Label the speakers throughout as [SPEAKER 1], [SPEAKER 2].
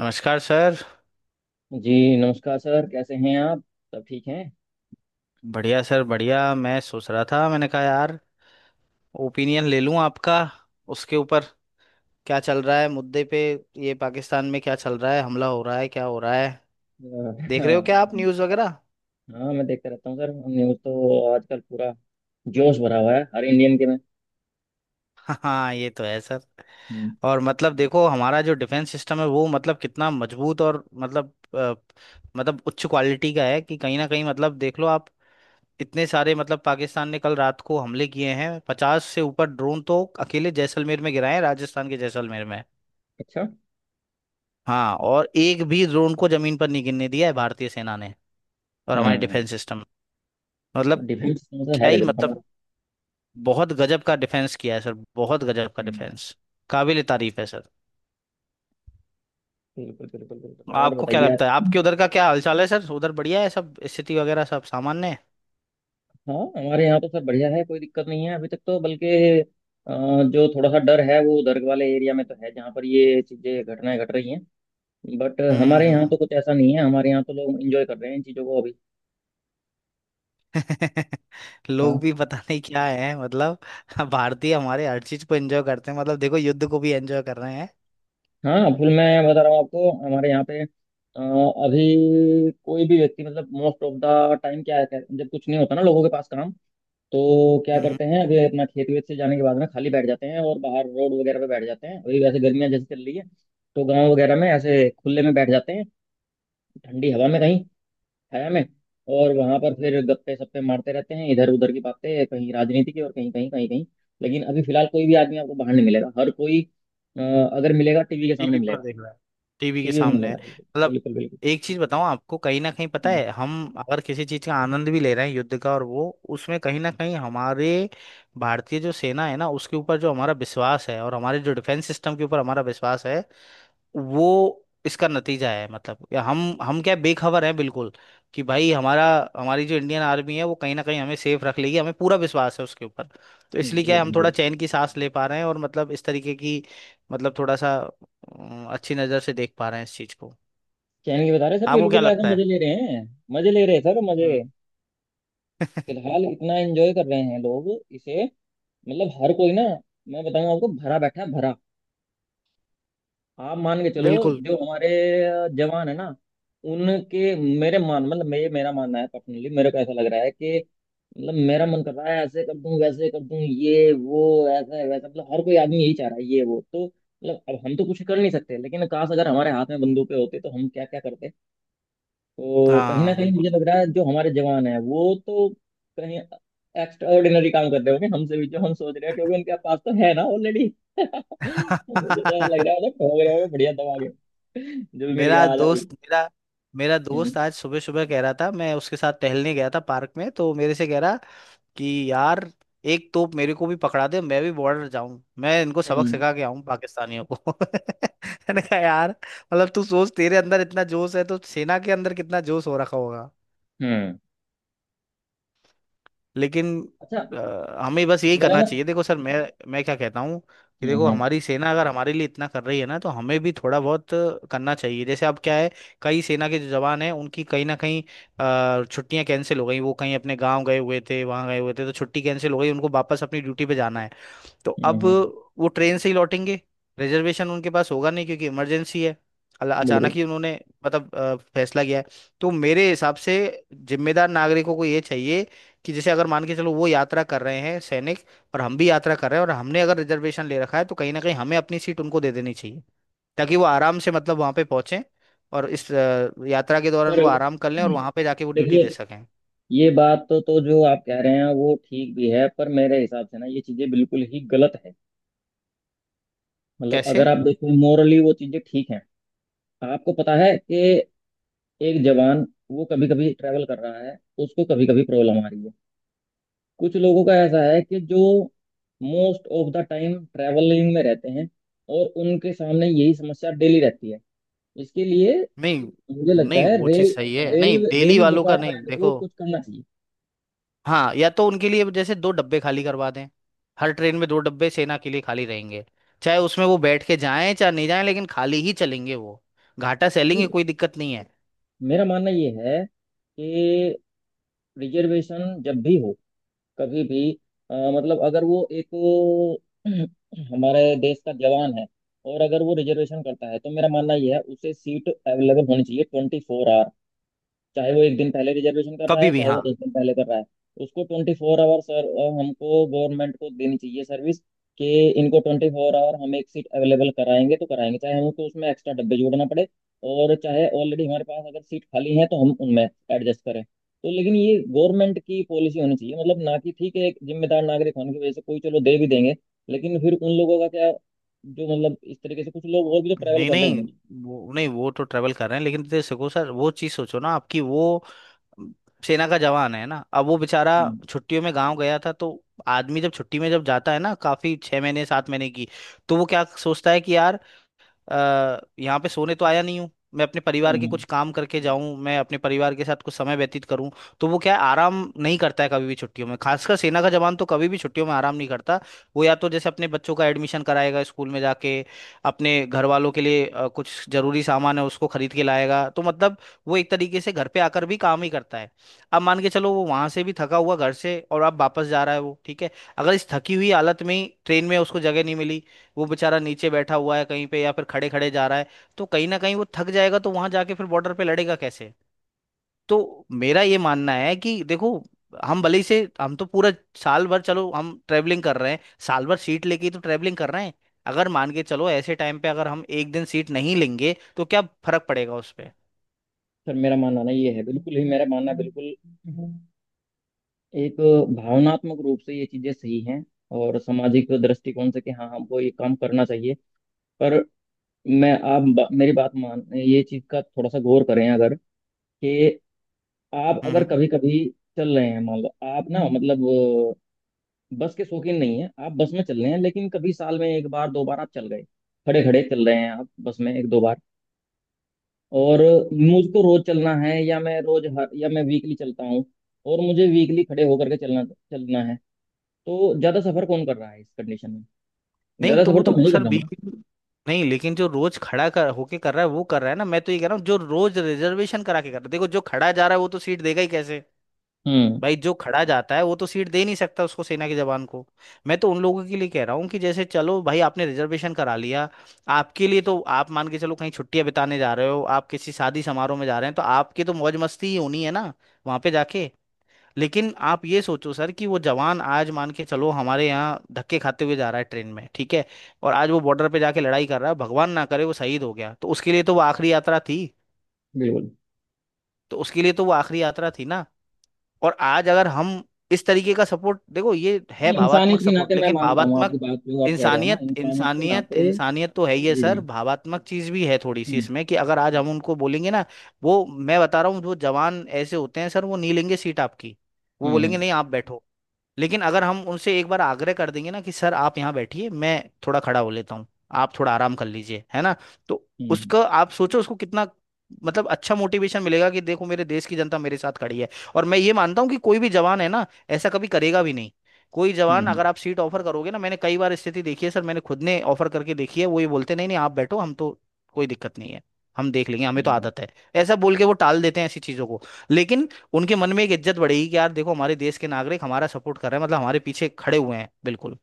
[SPEAKER 1] नमस्कार सर।
[SPEAKER 2] जी। नमस्कार सर, कैसे हैं आप? सब ठीक हैं।
[SPEAKER 1] बढ़िया सर बढ़िया। मैं सोच रहा था, मैंने कहा यार ओपिनियन ले लूं आपका उसके ऊपर, क्या चल रहा है मुद्दे पे। ये पाकिस्तान में क्या चल रहा है, हमला हो रहा है, क्या हो रहा है?
[SPEAKER 2] अ,
[SPEAKER 1] देख रहे हो क्या आप
[SPEAKER 2] हाँ,
[SPEAKER 1] न्यूज़ वगैरह?
[SPEAKER 2] हाँ, मैं देखता रहता हूँ सर, न्यूज़ तो आजकल पूरा जोश भरा हुआ है हर इंडियन के में।
[SPEAKER 1] हाँ ये तो है सर।
[SPEAKER 2] हम्म,
[SPEAKER 1] और मतलब देखो हमारा जो डिफेंस सिस्टम है वो मतलब कितना मजबूत और मतलब मतलब उच्च क्वालिटी का है कि कहीं ना कहीं मतलब देख लो आप। इतने सारे मतलब पाकिस्तान ने कल रात को हमले किए हैं, 50 से ऊपर ड्रोन तो अकेले जैसलमेर में गिराए हैं, राजस्थान के जैसलमेर में।
[SPEAKER 2] अच्छा।
[SPEAKER 1] हाँ, और एक भी ड्रोन को जमीन पर नहीं गिरने दिया है भारतीय सेना ने। और हमारे
[SPEAKER 2] हम्म।
[SPEAKER 1] डिफेंस सिस्टम मतलब
[SPEAKER 2] डिफेंस तो मतलब
[SPEAKER 1] क्या
[SPEAKER 2] है
[SPEAKER 1] ही
[SPEAKER 2] गजब
[SPEAKER 1] मतलब,
[SPEAKER 2] हमारा।
[SPEAKER 1] बहुत गजब का डिफेंस किया है सर, बहुत गजब का
[SPEAKER 2] हम्म,
[SPEAKER 1] डिफेंस। काबिल तारीफ है सर।
[SPEAKER 2] बिल्कुल बिल्कुल बिल्कुल, और
[SPEAKER 1] आपको क्या
[SPEAKER 2] बताइए
[SPEAKER 1] लगता है,
[SPEAKER 2] आप।
[SPEAKER 1] आपके उधर का क्या हालचाल है सर? उधर बढ़िया है सब, स्थिति वगैरह सब सामान्य है?
[SPEAKER 2] हाँ, हमारे यहाँ तो सर बढ़िया है, कोई दिक्कत नहीं है अभी तक, तो बल्कि अ, जो थोड़ा सा डर है वो उधर वाले एरिया में तो है, जहाँ पर ये चीज़ें घटनाएं घट रही हैं। बट
[SPEAKER 1] हम्म
[SPEAKER 2] हमारे
[SPEAKER 1] हम्म,
[SPEAKER 2] यहाँ तो
[SPEAKER 1] हम्म,
[SPEAKER 2] कुछ ऐसा नहीं है, हमारे यहाँ तो लोग इंजॉय कर रहे हैं इन चीज़ों को अभी।
[SPEAKER 1] हम्म। लोग
[SPEAKER 2] हाँ,
[SPEAKER 1] भी पता नहीं क्या है मतलब। भारतीय हमारे हर चीज को एंजॉय करते हैं, मतलब देखो युद्ध को भी एंजॉय कर रहे हैं।
[SPEAKER 2] हाँ फुल, मैं बता रहा हूँ आपको, हमारे यहाँ पे अभी कोई भी व्यक्ति, मतलब मोस्ट ऑफ द टाइम क्या है? जब कुछ नहीं होता ना लोगों के पास काम, तो क्या
[SPEAKER 1] हम्म।
[SPEAKER 2] करते हैं अभी? अपना खेत वेत से जाने के बाद में खाली बैठ जाते हैं और बाहर रोड वगैरह पे बैठ जाते हैं। अभी वैसे गर्मियाँ जैसे चल रही है, तो गाँव वगैरह में ऐसे खुले में बैठ जाते हैं, ठंडी हवा में, कहीं छाया में, और वहां पर फिर गप्पे सप्पे मारते रहते हैं, इधर उधर की बातें, कहीं राजनीति की, और कहीं कहीं कहीं कहीं। लेकिन अभी फिलहाल कोई भी आदमी आपको बाहर नहीं मिलेगा, हर कोई अगर मिलेगा टीवी के सामने
[SPEAKER 1] टीवी पर
[SPEAKER 2] मिलेगा।
[SPEAKER 1] देख रहा है, टीवी के
[SPEAKER 2] टीवी में
[SPEAKER 1] सामने है।
[SPEAKER 2] मिलेगा, बिल्कुल
[SPEAKER 1] मतलब
[SPEAKER 2] बिल्कुल बिल्कुल।
[SPEAKER 1] एक चीज बताऊं आपको, कहीं ना कहीं पता है हम अगर किसी चीज का आनंद भी ले रहे हैं युद्ध का, और वो उसमें कहीं ना कहीं हमारे भारतीय जो सेना है ना उसके ऊपर जो हमारा विश्वास है, और हमारे जो डिफेंस सिस्टम के ऊपर हमारा विश्वास है, वो इसका नतीजा है। मतलब या हम क्या बेखबर हैं बिल्कुल कि भाई हमारा, हमारी जो इंडियन आर्मी है वो कहीं ना कहीं हमें सेफ रख लेगी, हमें पूरा विश्वास है उसके ऊपर। तो इसलिए क्या
[SPEAKER 2] जी
[SPEAKER 1] है हम थोड़ा
[SPEAKER 2] बिल्कुल।
[SPEAKER 1] चैन की सांस ले पा रहे हैं, और मतलब इस तरीके की मतलब थोड़ा सा अच्छी नज़र से देख पा रहे हैं इस चीज़ को।
[SPEAKER 2] क्या इनके बता रहे हैं सर,
[SPEAKER 1] आपको क्या
[SPEAKER 2] बिल्कुल ऐसा
[SPEAKER 1] लगता है?
[SPEAKER 2] मजे ले रहे हैं। मजे ले रहे हैं सर, मजे।
[SPEAKER 1] हम्म।
[SPEAKER 2] फिलहाल इतना एंजॉय कर रहे हैं लोग इसे, मतलब हर कोई ना, मैं बताऊंगा आपको भरा बैठा है भरा, आप मान के चलो।
[SPEAKER 1] बिल्कुल।
[SPEAKER 2] जो हमारे जवान है ना, उनके मेरे मान, मतलब मैं, मेरा मानना है पर्सनली, मेरे को ऐसा लग रहा है कि मतलब मेरा मन कर रहा है ऐसे कर दूं वैसे कर दूं ये वो, ऐसा है वैसा, मतलब हर कोई आदमी यही चाह रहा है ये वो, तो मतलब अब हम तो कुछ कर नहीं सकते, लेकिन काश अगर हमारे हाथ में बंदूकें होती तो हम क्या क्या करते। तो कहीं ना
[SPEAKER 1] हाँ
[SPEAKER 2] कहीं
[SPEAKER 1] बिल्कुल।
[SPEAKER 2] मुझे लग रहा है जो हमारे जवान है वो तो कहीं एक्स्ट्रा ऑर्डिनरी काम कर रहे होंगे हमसे भी जो हम सोच रहे हैं, क्योंकि उनके पास तो है ना ऑलरेडी। तो मुझे तो ऐसा लग रहा है, मतलब ठोक रहे होंगे बढ़िया दबा के, जो भी मिल
[SPEAKER 1] मेरा
[SPEAKER 2] गया आ जा भाई।
[SPEAKER 1] दोस्त मेरा, मेरा दोस्त
[SPEAKER 2] हम्म,
[SPEAKER 1] आज सुबह सुबह कह रहा था, मैं उसके साथ टहलने गया था पार्क में, तो मेरे से कह रहा कि यार एक तोप मेरे को भी पकड़ा दे, मैं भी बॉर्डर जाऊं, मैं इनको सबक
[SPEAKER 2] हम्म,
[SPEAKER 1] सिखा के आऊं पाकिस्तानियों को। मैंने कहा यार मतलब तू सोच, तेरे अंदर इतना जोश है तो सेना के अंदर कितना जोश हो रखा होगा।
[SPEAKER 2] हम्म,
[SPEAKER 1] लेकिन
[SPEAKER 2] अच्छा,
[SPEAKER 1] हमें बस यही
[SPEAKER 2] मेरा
[SPEAKER 1] करना
[SPEAKER 2] ना,
[SPEAKER 1] चाहिए। देखो सर मैं क्या कहता हूँ कि
[SPEAKER 2] हम्म,
[SPEAKER 1] देखो
[SPEAKER 2] हम्म,
[SPEAKER 1] हमारी सेना अगर हमारे लिए इतना कर रही है ना तो हमें भी थोड़ा बहुत करना चाहिए। जैसे अब क्या है, कई सेना के जो जवान हैं उनकी कहीं ना कहीं छुट्टियां कैंसिल हो गई। वो कहीं अपने गांव गए हुए थे, वहां गए हुए थे तो छुट्टी कैंसिल हो गई, उनको वापस अपनी ड्यूटी पे जाना है। तो अब
[SPEAKER 2] हम्म,
[SPEAKER 1] वो ट्रेन से ही लौटेंगे, रिजर्वेशन उनके पास होगा नहीं क्योंकि इमरजेंसी है। अचानक
[SPEAKER 2] बिल्कुल
[SPEAKER 1] ही उन्होंने मतलब फैसला किया है। तो मेरे हिसाब से जिम्मेदार नागरिकों को ये चाहिए कि जैसे अगर मान के चलो वो यात्रा कर रहे हैं सैनिक, और हम भी यात्रा कर रहे हैं और हमने अगर रिजर्वेशन ले रखा है, तो कहीं ना कहीं हमें अपनी सीट उनको दे देनी चाहिए, ताकि वो आराम से मतलब वहां पे पहुंचे और इस यात्रा के दौरान वो
[SPEAKER 2] सर।
[SPEAKER 1] आराम कर लें और वहां पे जाके वो ड्यूटी दे
[SPEAKER 2] देखिए,
[SPEAKER 1] सकें।
[SPEAKER 2] ये बात तो जो आप कह रहे हैं वो ठीक भी है, पर मेरे हिसाब से ना ये चीजें बिल्कुल ही गलत है। मतलब अगर
[SPEAKER 1] कैसे?
[SPEAKER 2] आप देखो मोरली वो चीजें ठीक हैं। आपको पता है कि एक जवान, वो कभी कभी ट्रैवल कर रहा है, उसको कभी कभी प्रॉब्लम आ रही है, कुछ लोगों का ऐसा है कि जो most of the time travelling में रहते हैं, और उनके सामने यही समस्या डेली रहती है, इसके लिए
[SPEAKER 1] नहीं
[SPEAKER 2] मुझे लगता
[SPEAKER 1] नहीं,
[SPEAKER 2] है
[SPEAKER 1] वो चीज़
[SPEAKER 2] रेल
[SPEAKER 1] सही है। नहीं,
[SPEAKER 2] रेल
[SPEAKER 1] दिल्ली
[SPEAKER 2] रेल
[SPEAKER 1] वालों का नहीं,
[SPEAKER 2] डिपार्टमेंट को
[SPEAKER 1] देखो
[SPEAKER 2] कुछ करना चाहिए।
[SPEAKER 1] हाँ, या तो उनके लिए जैसे 2 डब्बे खाली करवा दें, हर ट्रेन में 2 डब्बे सेना के लिए खाली रहेंगे, चाहे उसमें वो बैठ के जाएं चाहे नहीं जाएं, लेकिन खाली ही चलेंगे वो। घाटा सैलेंगे,
[SPEAKER 2] नहीं,
[SPEAKER 1] कोई दिक्कत नहीं है।
[SPEAKER 2] मेरा मानना ये है कि रिजर्वेशन जब भी हो, कभी भी, मतलब अगर वो एक हमारे देश का जवान है, और अगर वो रिजर्वेशन करता है तो मेरा मानना ये है उसे सीट अवेलेबल होनी चाहिए 24, चाहे वो एक दिन पहले रिजर्वेशन कर रहा
[SPEAKER 1] कभी
[SPEAKER 2] है
[SPEAKER 1] भी,
[SPEAKER 2] चाहे
[SPEAKER 1] हाँ।
[SPEAKER 2] वो 10 दिन पहले कर रहा है। उसको 24 आवर सर, हमको गवर्नमेंट को देनी चाहिए सर्विस, कि इनको 24 आवर हम एक सीट अवेलेबल कराएंगे तो कराएंगे, चाहे हमको उसमें एक्स्ट्रा डब्बे जोड़ना पड़े, और चाहे ऑलरेडी हमारे पास अगर सीट खाली है तो हम उनमें एडजस्ट करें, तो लेकिन ये गवर्नमेंट की पॉलिसी होनी चाहिए मतलब, ना कि ठीक है एक जिम्मेदार नागरिक होने की वजह से कोई चलो दे भी देंगे। लेकिन फिर उन लोगों का क्या, जो मतलब इस तरीके से कुछ लोग और भी तो ट्रैवल
[SPEAKER 1] नहीं
[SPEAKER 2] कर रहे
[SPEAKER 1] नहीं,
[SPEAKER 2] होंगे।
[SPEAKER 1] वो नहीं, वो तो ट्रेवल कर रहे हैं, लेकिन दे सको सर वो चीज़ सोचो ना आपकी। वो अम, सेना का जवान है ना, अब वो बेचारा
[SPEAKER 2] हम्म,
[SPEAKER 1] छुट्टियों में गांव गया था। तो आदमी जब छुट्टी में जब जाता है ना, काफी 6 महीने 7 महीने की, तो वो क्या सोचता है कि यार यहाँ पे सोने तो आया नहीं हूँ, मैं अपने
[SPEAKER 2] हम्म,
[SPEAKER 1] परिवार के कुछ काम करके जाऊं, मैं अपने परिवार के साथ कुछ समय व्यतीत करूं। तो वो क्या है, आराम नहीं करता है कभी भी छुट्टियों में, खासकर सेना का जवान तो कभी भी छुट्टियों में आराम नहीं करता। वो या तो जैसे अपने बच्चों का एडमिशन कराएगा स्कूल में जाके, अपने घर वालों के लिए कुछ जरूरी सामान है उसको खरीद के लाएगा, तो मतलब वो एक तरीके से घर पे आकर भी काम ही करता है। अब मान के चलो वो वहां से भी थका हुआ घर से, और अब वापस जा रहा है वो, ठीक है, अगर इस थकी हुई हालत में ही ट्रेन में उसको जगह नहीं मिली, वो बेचारा नीचे बैठा हुआ है कहीं पे या फिर खड़े खड़े जा रहा है, तो कहीं ना कहीं वो थक जाएगा, तो वहां जाके फिर बॉर्डर पे लड़ेगा कैसे? तो मेरा ये मानना है कि देखो हम भले ही से हम तो पूरा साल भर चलो हम ट्रैवलिंग कर रहे हैं, साल भर सीट लेके ही तो ट्रैवलिंग कर रहे हैं, अगर मान के चलो ऐसे टाइम पे अगर हम 1 दिन सीट नहीं लेंगे तो क्या फर्क पड़ेगा उस पे?
[SPEAKER 2] सर, मेरा मानना ना ये है बिल्कुल ही, मेरा मानना बिल्कुल एक, भावनात्मक रूप से ये चीजें सही हैं, और सामाजिक दृष्टिकोण से कि हाँ हमको ये काम करना चाहिए, पर मैं मेरी बात मान, ये चीज का थोड़ा सा गौर करें अगर, कि आप
[SPEAKER 1] हम्म
[SPEAKER 2] अगर
[SPEAKER 1] हम्म।
[SPEAKER 2] कभी कभी चल रहे हैं, मान लो आप ना, मतलब बस के शौकीन नहीं है, आप बस में चल रहे हैं, लेकिन कभी साल में एक बार 2 बार आप चल गए, खड़े खड़े चल रहे हैं आप बस में एक दो बार, और मुझको रोज चलना है, या मैं रोज हर, या मैं वीकली चलता हूँ, और मुझे वीकली खड़े होकर के चलना चलना है। तो ज्यादा सफर कौन कर रहा है इस कंडीशन में?
[SPEAKER 1] नहीं
[SPEAKER 2] ज्यादा
[SPEAKER 1] तो
[SPEAKER 2] सफर
[SPEAKER 1] वो
[SPEAKER 2] तो मैं
[SPEAKER 1] तो
[SPEAKER 2] ही कर
[SPEAKER 1] सर
[SPEAKER 2] रहा हूँ ना।
[SPEAKER 1] बिल्कुल, नहीं लेकिन जो रोज खड़ा कर होके कर रहा है वो कर रहा है ना, मैं तो ये कह रहा हूँ जो रोज रिजर्वेशन करा के कर रहा है। देखो जो खड़ा जा रहा है वो तो सीट देगा ही कैसे,
[SPEAKER 2] हम्म,
[SPEAKER 1] भाई जो खड़ा जाता है वो तो सीट दे नहीं सकता उसको सेना के जवान को। मैं तो उन लोगों के लिए कह रहा हूँ कि जैसे चलो भाई आपने रिजर्वेशन करा लिया, आपके लिए तो आप मान के चलो कहीं छुट्टियां बिताने जा रहे हो, आप किसी शादी समारोह में जा रहे हैं, तो आपकी तो मौज मस्ती ही होनी है ना वहां पे जाके। लेकिन आप ये सोचो सर कि वो जवान आज मान के चलो हमारे यहाँ धक्के खाते हुए जा रहा है ट्रेन में, ठीक है, और आज वो बॉर्डर पे जाके लड़ाई कर रहा है, भगवान ना करे वो शहीद हो गया, तो उसके लिए तो वो आखिरी यात्रा थी।
[SPEAKER 2] बिल्कुल।
[SPEAKER 1] तो उसके लिए तो वो आखिरी यात्रा थी ना, और आज अगर हम इस तरीके का सपोर्ट, देखो ये है
[SPEAKER 2] नहीं, इंसानियत
[SPEAKER 1] भावात्मक
[SPEAKER 2] के नाते
[SPEAKER 1] सपोर्ट,
[SPEAKER 2] मैं
[SPEAKER 1] लेकिन
[SPEAKER 2] मानता हूँ
[SPEAKER 1] भावात्मक
[SPEAKER 2] आपकी
[SPEAKER 1] बिल्कुल।
[SPEAKER 2] बात जो आप कह रहे हो ना,
[SPEAKER 1] इंसानियत,
[SPEAKER 2] इंसानियत के
[SPEAKER 1] इंसानियत,
[SPEAKER 2] नाते।
[SPEAKER 1] इंसानियत तो है ही है
[SPEAKER 2] जी जी,
[SPEAKER 1] सर, भावात्मक चीज भी है थोड़ी सी
[SPEAKER 2] हम्म,
[SPEAKER 1] इसमें, कि अगर आज हम उनको बोलेंगे ना, वो मैं बता रहा हूँ जो जवान ऐसे होते हैं सर वो नहीं लेंगे सीट आपकी, वो
[SPEAKER 2] हम्म, हम्म,
[SPEAKER 1] बोलेंगे नहीं आप बैठो। लेकिन अगर हम उनसे एक बार आग्रह कर देंगे ना कि सर आप यहाँ बैठिए, मैं थोड़ा खड़ा हो लेता हूँ, आप थोड़ा आराम कर लीजिए, है ना, तो
[SPEAKER 2] हम्म,
[SPEAKER 1] उसका आप सोचो उसको कितना मतलब अच्छा मोटिवेशन मिलेगा कि देखो मेरे देश की जनता मेरे साथ खड़ी है। और मैं ये मानता हूँ कि कोई भी जवान है ना ऐसा कभी करेगा भी नहीं, कोई
[SPEAKER 2] हम्म,
[SPEAKER 1] जवान अगर आप सीट ऑफर करोगे ना, मैंने कई बार स्थिति देखी है सर, मैंने खुद ने ऑफर करके देखी है, वो ये बोलते नहीं नहीं आप बैठो हम तो कोई दिक्कत नहीं है, हम देख लेंगे, हमें तो
[SPEAKER 2] हम्म।
[SPEAKER 1] आदत है। ऐसा बोल के वो टाल देते हैं ऐसी चीजों को। लेकिन उनके मन में एक इज्जत बढ़ेगी कि यार देखो हमारे देश के नागरिक हमारा सपोर्ट कर रहे हैं, मतलब हमारे पीछे खड़े हुए हैं बिल्कुल।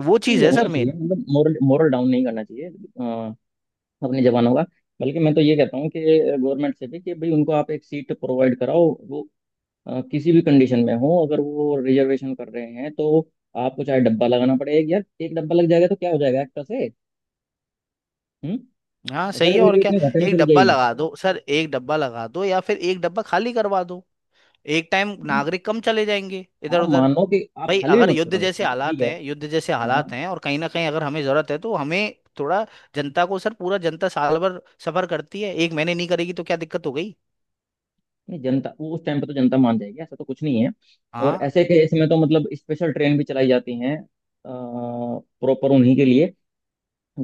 [SPEAKER 1] वो
[SPEAKER 2] नहीं, ये
[SPEAKER 1] चीज़ है
[SPEAKER 2] होना
[SPEAKER 1] सर
[SPEAKER 2] चाहिए,
[SPEAKER 1] मेन।
[SPEAKER 2] मतलब मोरल मोरल डाउन नहीं करना चाहिए अपने जवानों का। बल्कि मैं तो ये कहता हूँ कि गवर्नमेंट से भी, कि भाई उनको आप एक सीट प्रोवाइड कराओ, किसी भी कंडीशन में हो, अगर वो रिजर्वेशन कर रहे हैं तो आपको चाहे डब्बा लगाना पड़ेगा, यार एक डब्बा लग जाएगा तो क्या हो जाएगा एक्टर से। हम्म।
[SPEAKER 1] हाँ
[SPEAKER 2] ऐसा
[SPEAKER 1] सही
[SPEAKER 2] कि
[SPEAKER 1] है, और
[SPEAKER 2] रेलवे
[SPEAKER 1] क्या।
[SPEAKER 2] इतने घाटे में
[SPEAKER 1] एक
[SPEAKER 2] चली
[SPEAKER 1] डब्बा
[SPEAKER 2] जाएगी।
[SPEAKER 1] लगा दो सर, एक डब्बा लगा दो या फिर एक डब्बा खाली करवा दो, एक टाइम
[SPEAKER 2] नहीं,
[SPEAKER 1] नागरिक कम चले जाएंगे इधर
[SPEAKER 2] आप
[SPEAKER 1] उधर।
[SPEAKER 2] मानो कि आप
[SPEAKER 1] भाई
[SPEAKER 2] खाली भी
[SPEAKER 1] अगर
[SPEAKER 2] मत
[SPEAKER 1] युद्ध
[SPEAKER 2] कराओ,
[SPEAKER 1] जैसे
[SPEAKER 2] नहीं, ठीक
[SPEAKER 1] हालात
[SPEAKER 2] है।
[SPEAKER 1] हैं, युद्ध जैसे
[SPEAKER 2] हाँ।
[SPEAKER 1] हालात हैं और कहीं ना कहीं अगर हमें जरूरत है तो हमें थोड़ा, जनता को सर, पूरा जनता साल भर सफर करती है, 1 महीने नहीं करेगी तो क्या दिक्कत हो गई।
[SPEAKER 2] नहीं, जनता वो उस टाइम पे तो जनता मान जाएगी, ऐसा तो कुछ नहीं है। और
[SPEAKER 1] हाँ।
[SPEAKER 2] ऐसे केस में तो मतलब स्पेशल ट्रेन भी चलाई जाती हैं प्रॉपर उन्हीं के लिए,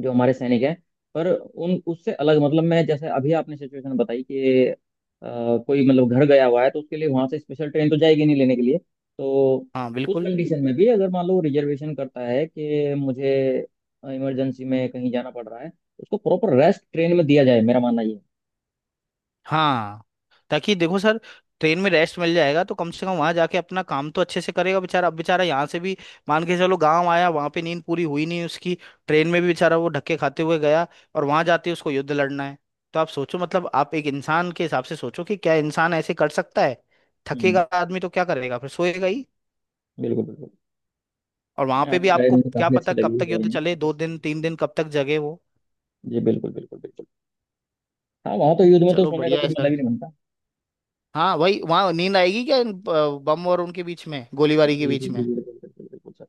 [SPEAKER 2] जो हमारे सैनिक हैं। पर उन उससे अलग, मतलब मैं, जैसे अभी आपने सिचुएशन बताई कि कोई मतलब घर गया हुआ है, तो उसके लिए वहां से स्पेशल ट्रेन तो जाएगी नहीं लेने के लिए, तो
[SPEAKER 1] हाँ
[SPEAKER 2] उस
[SPEAKER 1] बिल्कुल।
[SPEAKER 2] कंडीशन में भी अगर मान लो रिजर्वेशन करता है कि मुझे इमरजेंसी में कहीं जाना पड़ रहा है, तो उसको प्रॉपर रेस्ट ट्रेन में दिया जाए, मेरा मानना ये है।
[SPEAKER 1] हाँ, ताकि देखो सर ट्रेन में रेस्ट मिल जाएगा तो कम से कम वहां जाके अपना काम तो अच्छे से करेगा बेचारा। अब बेचारा यहाँ से भी मान के चलो गांव आया, वहां पे नींद पूरी हुई नहीं उसकी, ट्रेन में भी बेचारा वो धक्के खाते हुए गया, और वहां जाते उसको युद्ध लड़ना है। तो आप सोचो मतलब आप एक इंसान के हिसाब से सोचो कि क्या इंसान ऐसे कर सकता है।
[SPEAKER 2] हम्म,
[SPEAKER 1] थकेगा आदमी तो क्या करेगा, फिर सोएगा ही।
[SPEAKER 2] बिल्कुल बिल्कुल।
[SPEAKER 1] और वहां पे भी
[SPEAKER 2] आपकी राय
[SPEAKER 1] आपको
[SPEAKER 2] मुझे
[SPEAKER 1] क्या
[SPEAKER 2] काफी
[SPEAKER 1] पता
[SPEAKER 2] अच्छी
[SPEAKER 1] कब
[SPEAKER 2] लगी इस
[SPEAKER 1] तक
[SPEAKER 2] बारे
[SPEAKER 1] युद्ध
[SPEAKER 2] में।
[SPEAKER 1] चले, 2 दिन, 3 दिन, कब तक जगे वो।
[SPEAKER 2] जी बिल्कुल बिल्कुल बिल्कुल। हाँ, वहां तो युद्ध में तो
[SPEAKER 1] चलो
[SPEAKER 2] सोने का
[SPEAKER 1] बढ़िया
[SPEAKER 2] कोई
[SPEAKER 1] है
[SPEAKER 2] मतलब
[SPEAKER 1] सर।
[SPEAKER 2] ही नहीं बनता।
[SPEAKER 1] हाँ वही, वहां नींद आएगी क्या बम और उनके बीच में गोलीबारी के
[SPEAKER 2] जी जी
[SPEAKER 1] बीच
[SPEAKER 2] जी,
[SPEAKER 1] में।
[SPEAKER 2] बिल्कुल बिल्कुल बिल्कुल सर।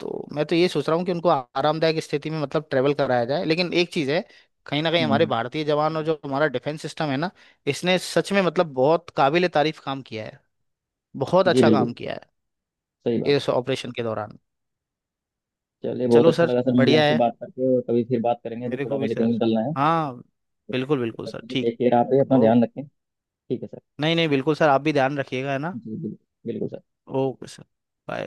[SPEAKER 1] तो मैं तो ये सोच रहा हूँ कि उनको आरामदायक स्थिति में मतलब ट्रेवल कराया जाए। लेकिन एक चीज़ है कहीं ना कहीं हमारे
[SPEAKER 2] हम्म,
[SPEAKER 1] भारतीय जवान और जो हमारा डिफेंस सिस्टम है ना, इसने सच में मतलब बहुत काबिल तारीफ काम किया है, बहुत
[SPEAKER 2] जी
[SPEAKER 1] अच्छा काम
[SPEAKER 2] बिल्कुल,
[SPEAKER 1] किया है
[SPEAKER 2] सही बात है।
[SPEAKER 1] इस ऑपरेशन के दौरान।
[SPEAKER 2] चलिए, बहुत
[SPEAKER 1] चलो
[SPEAKER 2] अच्छा
[SPEAKER 1] सर
[SPEAKER 2] लगा सर मुझे
[SPEAKER 1] बढ़िया
[SPEAKER 2] आपसे
[SPEAKER 1] है,
[SPEAKER 2] बात करके, और कभी फिर बात करेंगे, अभी
[SPEAKER 1] मेरे
[SPEAKER 2] थोड़ा
[SPEAKER 1] को भी
[SPEAKER 2] मुझे कहीं
[SPEAKER 1] सर।
[SPEAKER 2] निकलना है।
[SPEAKER 1] हाँ, बिल्कुल बिल्कुल सर, ठीक।
[SPEAKER 2] टेक केयर, आप ही अपना
[SPEAKER 1] ओ,
[SPEAKER 2] ध्यान रखें। ठीक है सर,
[SPEAKER 1] नहीं नहीं बिल्कुल सर, आप भी ध्यान रखिएगा, है ना।
[SPEAKER 2] जी बिल्कुल, बिल्कुल सर।
[SPEAKER 1] Okay sir, bye.